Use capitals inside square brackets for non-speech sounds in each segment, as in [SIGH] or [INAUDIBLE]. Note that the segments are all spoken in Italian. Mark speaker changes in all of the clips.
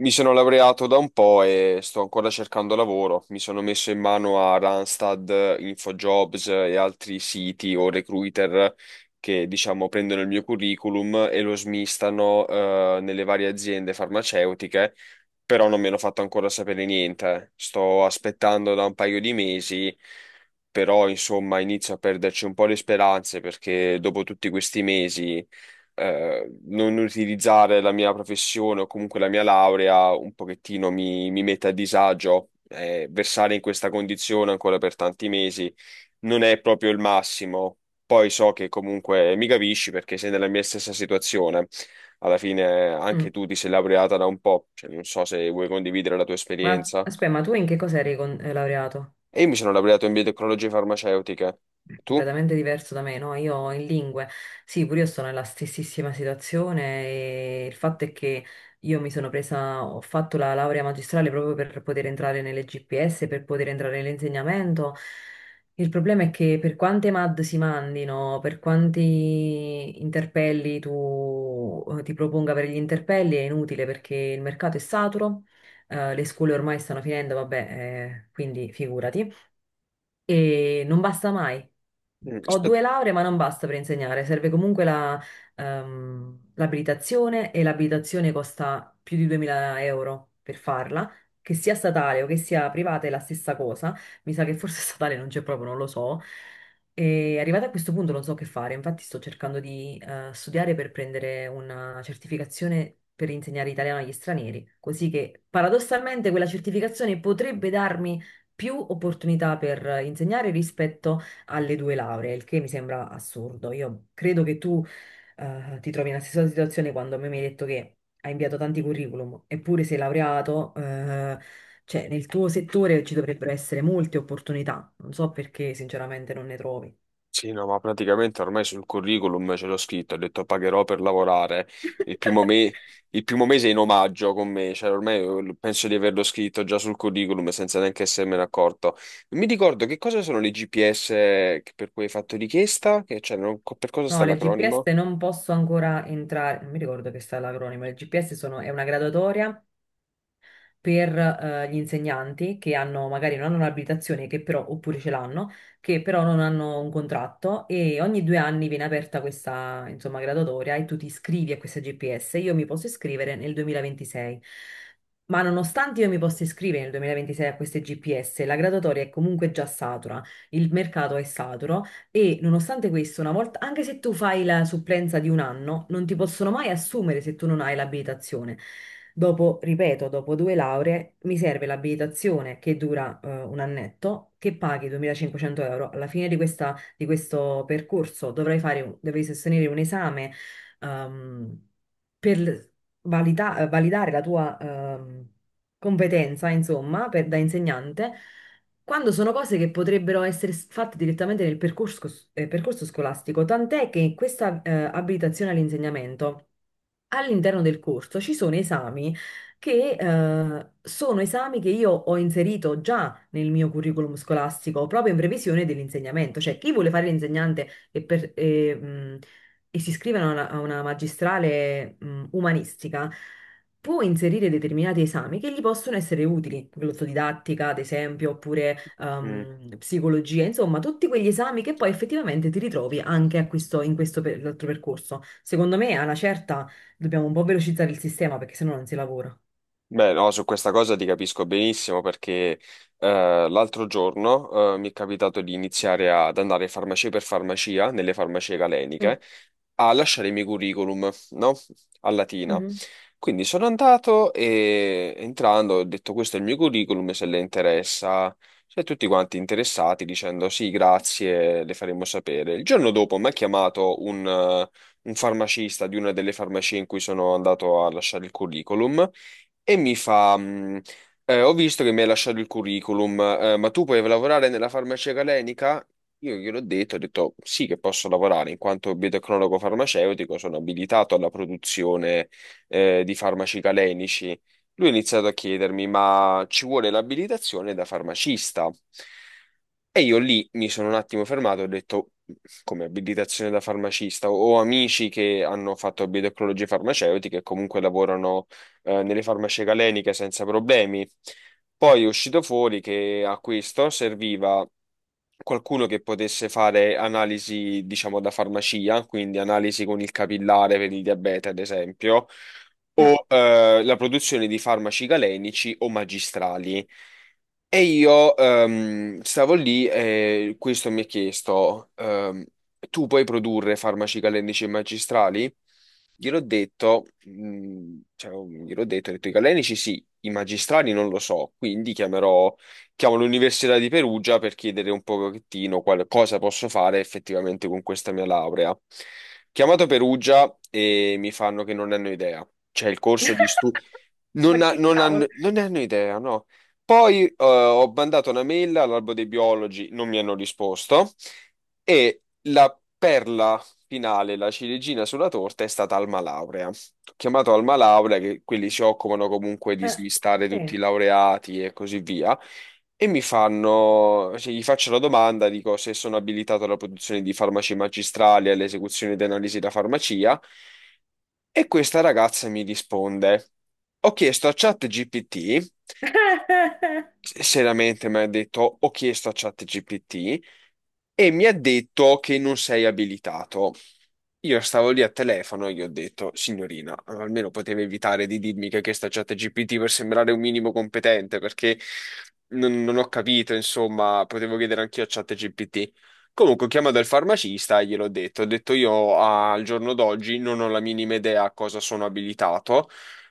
Speaker 1: Mi sono laureato da un po' e sto ancora cercando lavoro. Mi sono messo in mano a Randstad, InfoJobs e altri siti o recruiter che, diciamo, prendono il mio curriculum e lo smistano, nelle varie aziende farmaceutiche però non mi hanno fatto ancora sapere niente. Sto aspettando da un paio di mesi, però insomma inizio a perderci un po' le speranze perché dopo tutti questi mesi non utilizzare la mia professione o comunque la mia laurea un pochettino mi mette a disagio. Versare in questa condizione ancora per tanti mesi non è proprio il massimo. Poi so che comunque mi capisci perché sei nella mia stessa situazione. Alla fine anche
Speaker 2: Mm.
Speaker 1: tu ti sei laureata da un po', cioè, non so se vuoi condividere la tua
Speaker 2: Ma
Speaker 1: esperienza.
Speaker 2: aspetta, ma tu in che cosa eri laureato?
Speaker 1: E io mi sono laureato in biotecnologie farmaceutiche. Tu?
Speaker 2: Completamente diverso da me, no? Io in lingue, sì, pure io sono nella stessissima situazione e il fatto è che io mi sono presa, ho fatto la laurea magistrale proprio per poter entrare nelle GPS, per poter entrare nell'insegnamento. Il problema è che per quante MAD si mandino, per quanti interpelli tu ti proponga per gli interpelli è inutile perché il mercato è saturo, le scuole ormai stanno finendo, vabbè, quindi figurati. E non basta mai. Ho
Speaker 1: Aspetta.
Speaker 2: due lauree, ma non basta per insegnare, serve comunque la, l'abilitazione e l'abilitazione costa più di 2000 euro per farla, che sia statale o che sia privata è la stessa cosa, mi sa che forse [LAUGHS] statale non c'è proprio, non lo so. E arrivata a questo punto non so che fare, infatti sto cercando di studiare per prendere una certificazione per insegnare italiano agli stranieri, così che paradossalmente quella certificazione potrebbe darmi più opportunità per insegnare rispetto alle due lauree, il che mi sembra assurdo. Io credo che tu ti trovi nella stessa situazione quando a me mi hai detto che hai inviato tanti curriculum, eppure sei laureato, cioè nel tuo settore ci dovrebbero essere molte opportunità. Non so perché sinceramente non ne trovi.
Speaker 1: Sì, no, ma praticamente ormai sul curriculum ce l'ho scritto, ho detto pagherò per lavorare il primo, me- il primo mese in omaggio con me, cioè ormai penso di averlo scritto già sul curriculum senza neanche essermene accorto. Mi ricordo che cosa sono le GPS per cui hai fatto richiesta, che, cioè, per cosa sta
Speaker 2: No, le GPS
Speaker 1: l'acronimo?
Speaker 2: non posso ancora entrare, non mi ricordo che sta l'acronimo, le GPS sono, è una graduatoria per gli insegnanti che hanno, magari non hanno un'abilitazione, che però, oppure ce l'hanno, che però non hanno un contratto e ogni due anni viene aperta questa, insomma, graduatoria e tu ti iscrivi a questa GPS. Io mi posso iscrivere nel 2026. Ma nonostante io mi possa iscrivere nel 2026 a queste GPS, la graduatoria è comunque già satura, il mercato è saturo e nonostante questo, una volta, anche se tu fai la supplenza di un anno, non ti possono mai assumere se tu non hai l'abilitazione. Dopo, ripeto, dopo due lauree, mi serve l'abilitazione che dura un annetto, che paghi 2500 euro. Alla fine di, di questo percorso dovrai fare, dovrai sostenere un esame ehm, per validare la tua competenza, insomma, da insegnante quando sono cose che potrebbero essere fatte direttamente nel percorso, percorso scolastico, tant'è che in questa abilitazione all'insegnamento all'interno del corso ci sono esami che io ho inserito già nel mio curriculum scolastico, proprio in previsione dell'insegnamento. Cioè, chi vuole fare l'insegnante e, e si iscrive a una magistrale umanistica, può inserire determinati esami che gli possono essere utili, glossodidattica, ad esempio, oppure
Speaker 1: Mm.
Speaker 2: psicologia, insomma, tutti quegli esami che poi effettivamente ti ritrovi anche a in questo altro percorso. Secondo me, alla certa. Dobbiamo un po' velocizzare il sistema perché sennò non si lavora.
Speaker 1: Beh, no, su questa cosa ti capisco benissimo perché l'altro giorno mi è capitato di iniziare ad andare farmacia per farmacia nelle farmacie galeniche
Speaker 2: Mm,
Speaker 1: a lasciare i miei curriculum, no? A Latina.
Speaker 2: mhm,
Speaker 1: Quindi sono andato e entrando ho detto questo è il mio curriculum, se le interessa, cioè tutti quanti interessati dicendo sì, grazie, le faremo sapere. Il giorno dopo mi ha chiamato un farmacista di una delle farmacie in cui sono andato a lasciare il curriculum e mi fa, ho visto che mi hai lasciato il curriculum, ma tu puoi lavorare nella farmacia galenica? Io gliel'ho detto, ho detto sì che posso lavorare in quanto biotecnologo farmaceutico, sono abilitato alla produzione di farmaci calenici. Lui ha iniziato a chiedermi, ma ci vuole l'abilitazione da farmacista? E io lì mi sono un attimo fermato, e ho detto, come abilitazione da farmacista, ho amici che hanno fatto biotecnologie farmaceutiche e comunque lavorano nelle farmacie galeniche senza problemi. Poi è uscito fuori che a questo serviva qualcuno che potesse fare analisi, diciamo, da farmacia, quindi analisi con il capillare per il diabete, ad esempio,
Speaker 2: mm.
Speaker 1: o la produzione di farmaci galenici o magistrali. E io stavo lì e questo mi ha chiesto, tu puoi produrre farmaci calenici e magistrali? Gliel'ho detto, cioè, gliel'ho detto, ho detto i calenici sì, i magistrali non lo so, quindi chiamo l'Università di Perugia per chiedere un pochettino quale, cosa posso fare effettivamente con questa mia laurea. Chiamato Perugia e mi fanno che non hanno idea. C'è il corso di studio.
Speaker 2: Ma che cavolo?
Speaker 1: Non ne hanno idea, no. Poi ho mandato una mail all'albo dei biologi, non mi hanno risposto e la perla finale, la ciliegina sulla torta, è stata Alma Laurea. Ho chiamato Alma Laurea, che quelli si occupano comunque di
Speaker 2: Eh,
Speaker 1: smistare tutti
Speaker 2: sì.
Speaker 1: i laureati e così via. E mi fanno, cioè, gli faccio la domanda, dico se sono abilitato alla produzione di farmaci magistrali, e all'esecuzione di analisi da farmacia, e questa ragazza mi risponde, ho chiesto a ChatGPT,
Speaker 2: [LAUGHS]
Speaker 1: seriamente mi ha detto, ho chiesto a ChatGPT, e mi ha detto che non sei abilitato. Io stavo lì al telefono e gli ho detto, signorina, almeno poteva evitare di dirmi che questa chat GPT per sembrare un minimo competente, perché non ho capito, insomma, potevo chiedere anch'io a chat GPT. Comunque ho chiamato il farmacista e gliel'ho detto, ho detto io al giorno d'oggi non ho la minima idea a cosa sono abilitato,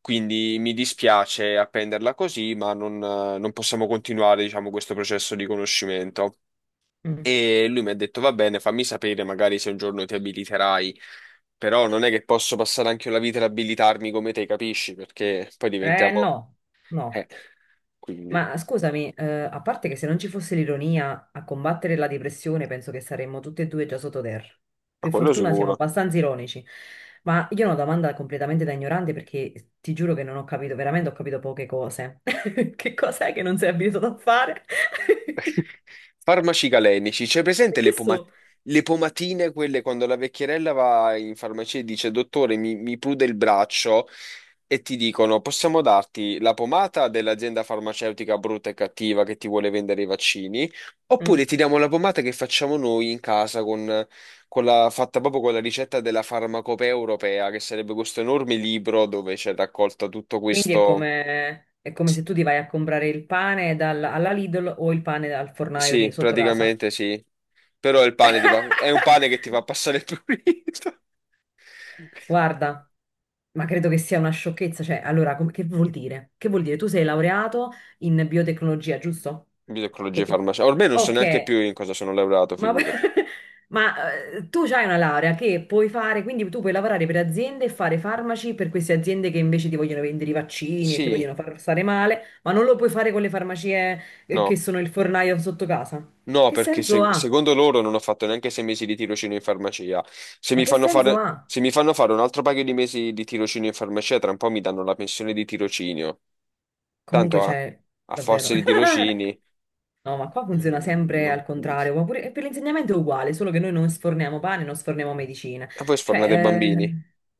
Speaker 1: quindi mi dispiace appenderla così, ma non possiamo continuare, diciamo, questo processo di conoscimento.
Speaker 2: Mm.
Speaker 1: E lui mi ha detto, va bene, fammi sapere magari se un giorno ti abiliterai, però non è che posso passare anche la vita ad abilitarmi come te, capisci? Perché poi
Speaker 2: Eh
Speaker 1: diventiamo.
Speaker 2: no, no.
Speaker 1: Eh, quindi,
Speaker 2: Ma scusami, a parte che se non ci fosse l'ironia a combattere la depressione, penso che saremmo tutti e due già sottoterra.
Speaker 1: ma
Speaker 2: Per
Speaker 1: quello
Speaker 2: fortuna siamo
Speaker 1: sicuro.
Speaker 2: abbastanza ironici. Ma io ho una domanda completamente da ignorante perché ti giuro che non ho capito, veramente ho capito poche cose. [LAUGHS] Che cos'è che non sei abituato a fare? [LAUGHS]
Speaker 1: Farmaci galenici, c'è presente
Speaker 2: Che so?
Speaker 1: le pomatine, quelle quando la vecchierella va in farmacia e dice, dottore, mi prude il braccio e ti dicono, possiamo darti la pomata dell'azienda farmaceutica brutta e cattiva che ti vuole vendere i vaccini,
Speaker 2: Mm.
Speaker 1: oppure ti diamo la pomata che facciamo noi in casa con, fatta proprio con la ricetta della farmacopea europea, che sarebbe questo enorme libro dove c'è raccolto tutto
Speaker 2: Quindi
Speaker 1: questo.
Speaker 2: è come se tu ti vai a comprare il pane alla Lidl o il pane al fornaio di
Speaker 1: Sì,
Speaker 2: sotto casa.
Speaker 1: praticamente sì. Però il pane ti fa, è un pane che ti
Speaker 2: [LAUGHS]
Speaker 1: fa passare il prurito. [LAUGHS]
Speaker 2: Guarda, ma credo che sia una sciocchezza. Cioè, allora, che vuol dire? Che vuol dire? Tu sei laureato in biotecnologia, giusto?
Speaker 1: Ginecologia e
Speaker 2: E-
Speaker 1: farmacia. Ormai non so neanche
Speaker 2: ok,
Speaker 1: più in cosa sono laureato,
Speaker 2: ma,
Speaker 1: figurati.
Speaker 2: [LAUGHS] ma, tu hai una laurea che puoi fare, quindi tu puoi lavorare per aziende e fare farmaci per queste aziende che invece ti vogliono vendere i vaccini e ti
Speaker 1: Sì,
Speaker 2: vogliono far stare male, ma non lo puoi fare con le farmacie che
Speaker 1: no.
Speaker 2: sono il fornaio sotto casa.
Speaker 1: No,
Speaker 2: Che
Speaker 1: perché
Speaker 2: senso ha?
Speaker 1: secondo loro non ho fatto neanche 6 mesi di tirocinio in farmacia. Se
Speaker 2: Ma
Speaker 1: mi
Speaker 2: che
Speaker 1: fanno
Speaker 2: senso
Speaker 1: fare,
Speaker 2: ha?
Speaker 1: se mi fanno fare un altro paio di mesi di tirocinio in farmacia, tra un po' mi danno la pensione di tirocinio.
Speaker 2: Comunque
Speaker 1: Tanto a,
Speaker 2: c'è,
Speaker 1: a
Speaker 2: davvero.
Speaker 1: forza di
Speaker 2: [LAUGHS]
Speaker 1: tirocini,
Speaker 2: No, ma qua funziona
Speaker 1: mm,
Speaker 2: sempre
Speaker 1: non...
Speaker 2: al
Speaker 1: e
Speaker 2: contrario, ma e per l'insegnamento è uguale, solo che noi non sforniamo pane, non sforniamo medicina.
Speaker 1: voi sfornate
Speaker 2: Cioè,
Speaker 1: bambini.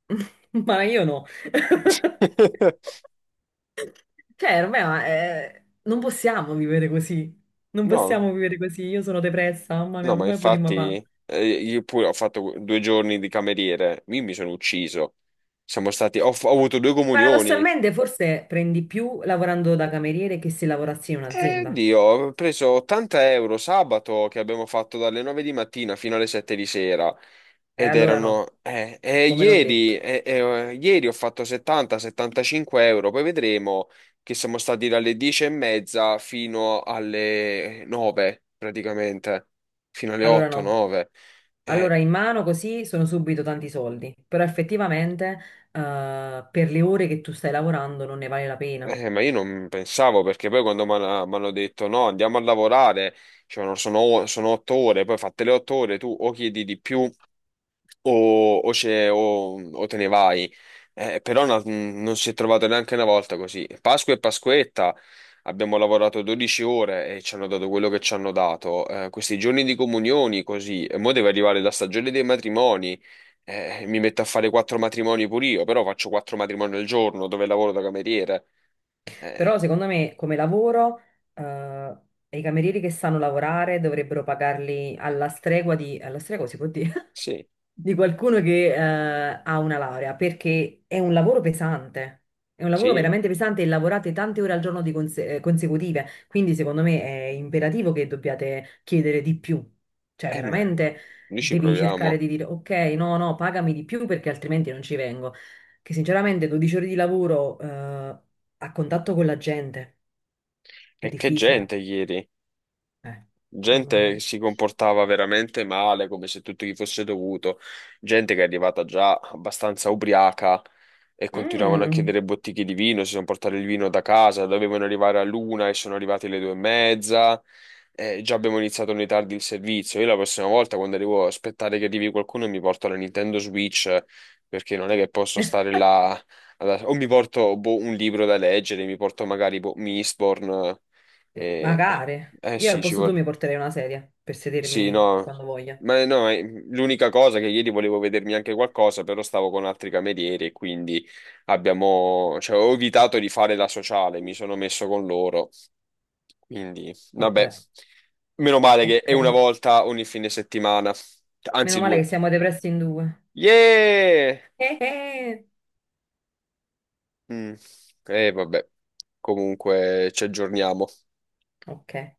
Speaker 2: [LAUGHS] ma io no. [LAUGHS]
Speaker 1: [LAUGHS]
Speaker 2: Cioè, ormai ma, non possiamo vivere così. Non
Speaker 1: No.
Speaker 2: possiamo vivere così. Io sono depressa, mamma
Speaker 1: No,
Speaker 2: mia,
Speaker 1: ma
Speaker 2: come potremmo fare?
Speaker 1: infatti io pure ho fatto 2 giorni di cameriere, io mi sono ucciso. Ho avuto due comunioni.
Speaker 2: Paradossalmente, forse prendi più lavorando da cameriere che se lavorassi in
Speaker 1: E
Speaker 2: un'azienda.
Speaker 1: Dio, ho preso 80 € sabato che abbiamo fatto dalle 9 di mattina fino alle 7 di sera.
Speaker 2: Allora no, come non detto.
Speaker 1: Ieri ho fatto 70-75 euro, poi vedremo che siamo stati dalle 10 e mezza fino alle 9 praticamente, fino alle
Speaker 2: Allora no.
Speaker 1: 8-9.
Speaker 2: Allora in mano così sono subito tanti soldi, però effettivamente per le ore che tu stai lavorando non ne vale la pena.
Speaker 1: Ma io non pensavo perché poi quando mi hanno detto no, andiamo a lavorare, dicevano sono 8 ore, poi fatte le 8 ore tu o chiedi di più o te ne vai. Però non si è trovato neanche una volta così. Pasqua e Pasquetta abbiamo lavorato 12 ore e ci hanno dato quello che ci hanno dato. Questi giorni di comunioni così, e mo deve arrivare la stagione dei matrimoni. Mi metto a fare quattro matrimoni pure io, però faccio quattro matrimoni al giorno dove lavoro da cameriere.
Speaker 2: Però
Speaker 1: Eh,
Speaker 2: secondo me come lavoro eh, i camerieri che sanno lavorare dovrebbero pagarli alla stregua di... alla stregua si può dire?
Speaker 1: Sì,
Speaker 2: Di qualcuno che ha una laurea, perché è un lavoro pesante. È un lavoro
Speaker 1: sì,
Speaker 2: veramente pesante e lavorate tante ore al giorno di consecutive, quindi secondo me è imperativo che dobbiate chiedere di più. Cioè,
Speaker 1: ma
Speaker 2: veramente
Speaker 1: noi ci
Speaker 2: devi cercare
Speaker 1: proviamo.
Speaker 2: di dire ok, no, no, pagami di più perché altrimenti non ci vengo. Che sinceramente 12 ore di lavoro a contatto con la gente è
Speaker 1: E che gente
Speaker 2: difficile.
Speaker 1: ieri.
Speaker 2: Eh, mamma
Speaker 1: Gente che
Speaker 2: mia.
Speaker 1: si comportava veramente male, come se tutto gli fosse dovuto, gente che è arrivata già abbastanza ubriaca e continuavano a
Speaker 2: Mm.
Speaker 1: chiedere bottiglie di vino, si sono portati il vino da casa, dovevano arrivare all'una e sono arrivati alle due e mezza. Già abbiamo iniziato noi tardi il servizio. Io la prossima volta, quando arrivo, aspettare che arrivi qualcuno, e mi porto la Nintendo Switch perché non è che posso stare là. O mi porto boh, un libro da leggere, mi porto magari boh, Mistborn.
Speaker 2: Sì,
Speaker 1: eh,
Speaker 2: magari.
Speaker 1: eh
Speaker 2: Io al
Speaker 1: sì, ci
Speaker 2: posto tuo mi
Speaker 1: vorrei.
Speaker 2: porterei una sedia per
Speaker 1: Sì,
Speaker 2: sedermi
Speaker 1: no,
Speaker 2: quando voglia.
Speaker 1: ma no, l'unica cosa che ieri volevo vedermi anche qualcosa, però stavo con altri camerieri e quindi abbiamo, cioè, ho evitato di fare la sociale, mi sono messo con loro, quindi vabbè,
Speaker 2: Vabbè,
Speaker 1: meno male che è
Speaker 2: ok.
Speaker 1: una volta ogni fine settimana,
Speaker 2: Meno
Speaker 1: anzi
Speaker 2: male
Speaker 1: due
Speaker 2: che
Speaker 1: volte.
Speaker 2: siamo depressi in due.
Speaker 1: Yeah!
Speaker 2: Eh.
Speaker 1: Mm. Vabbè, comunque ci aggiorniamo.
Speaker 2: Ok.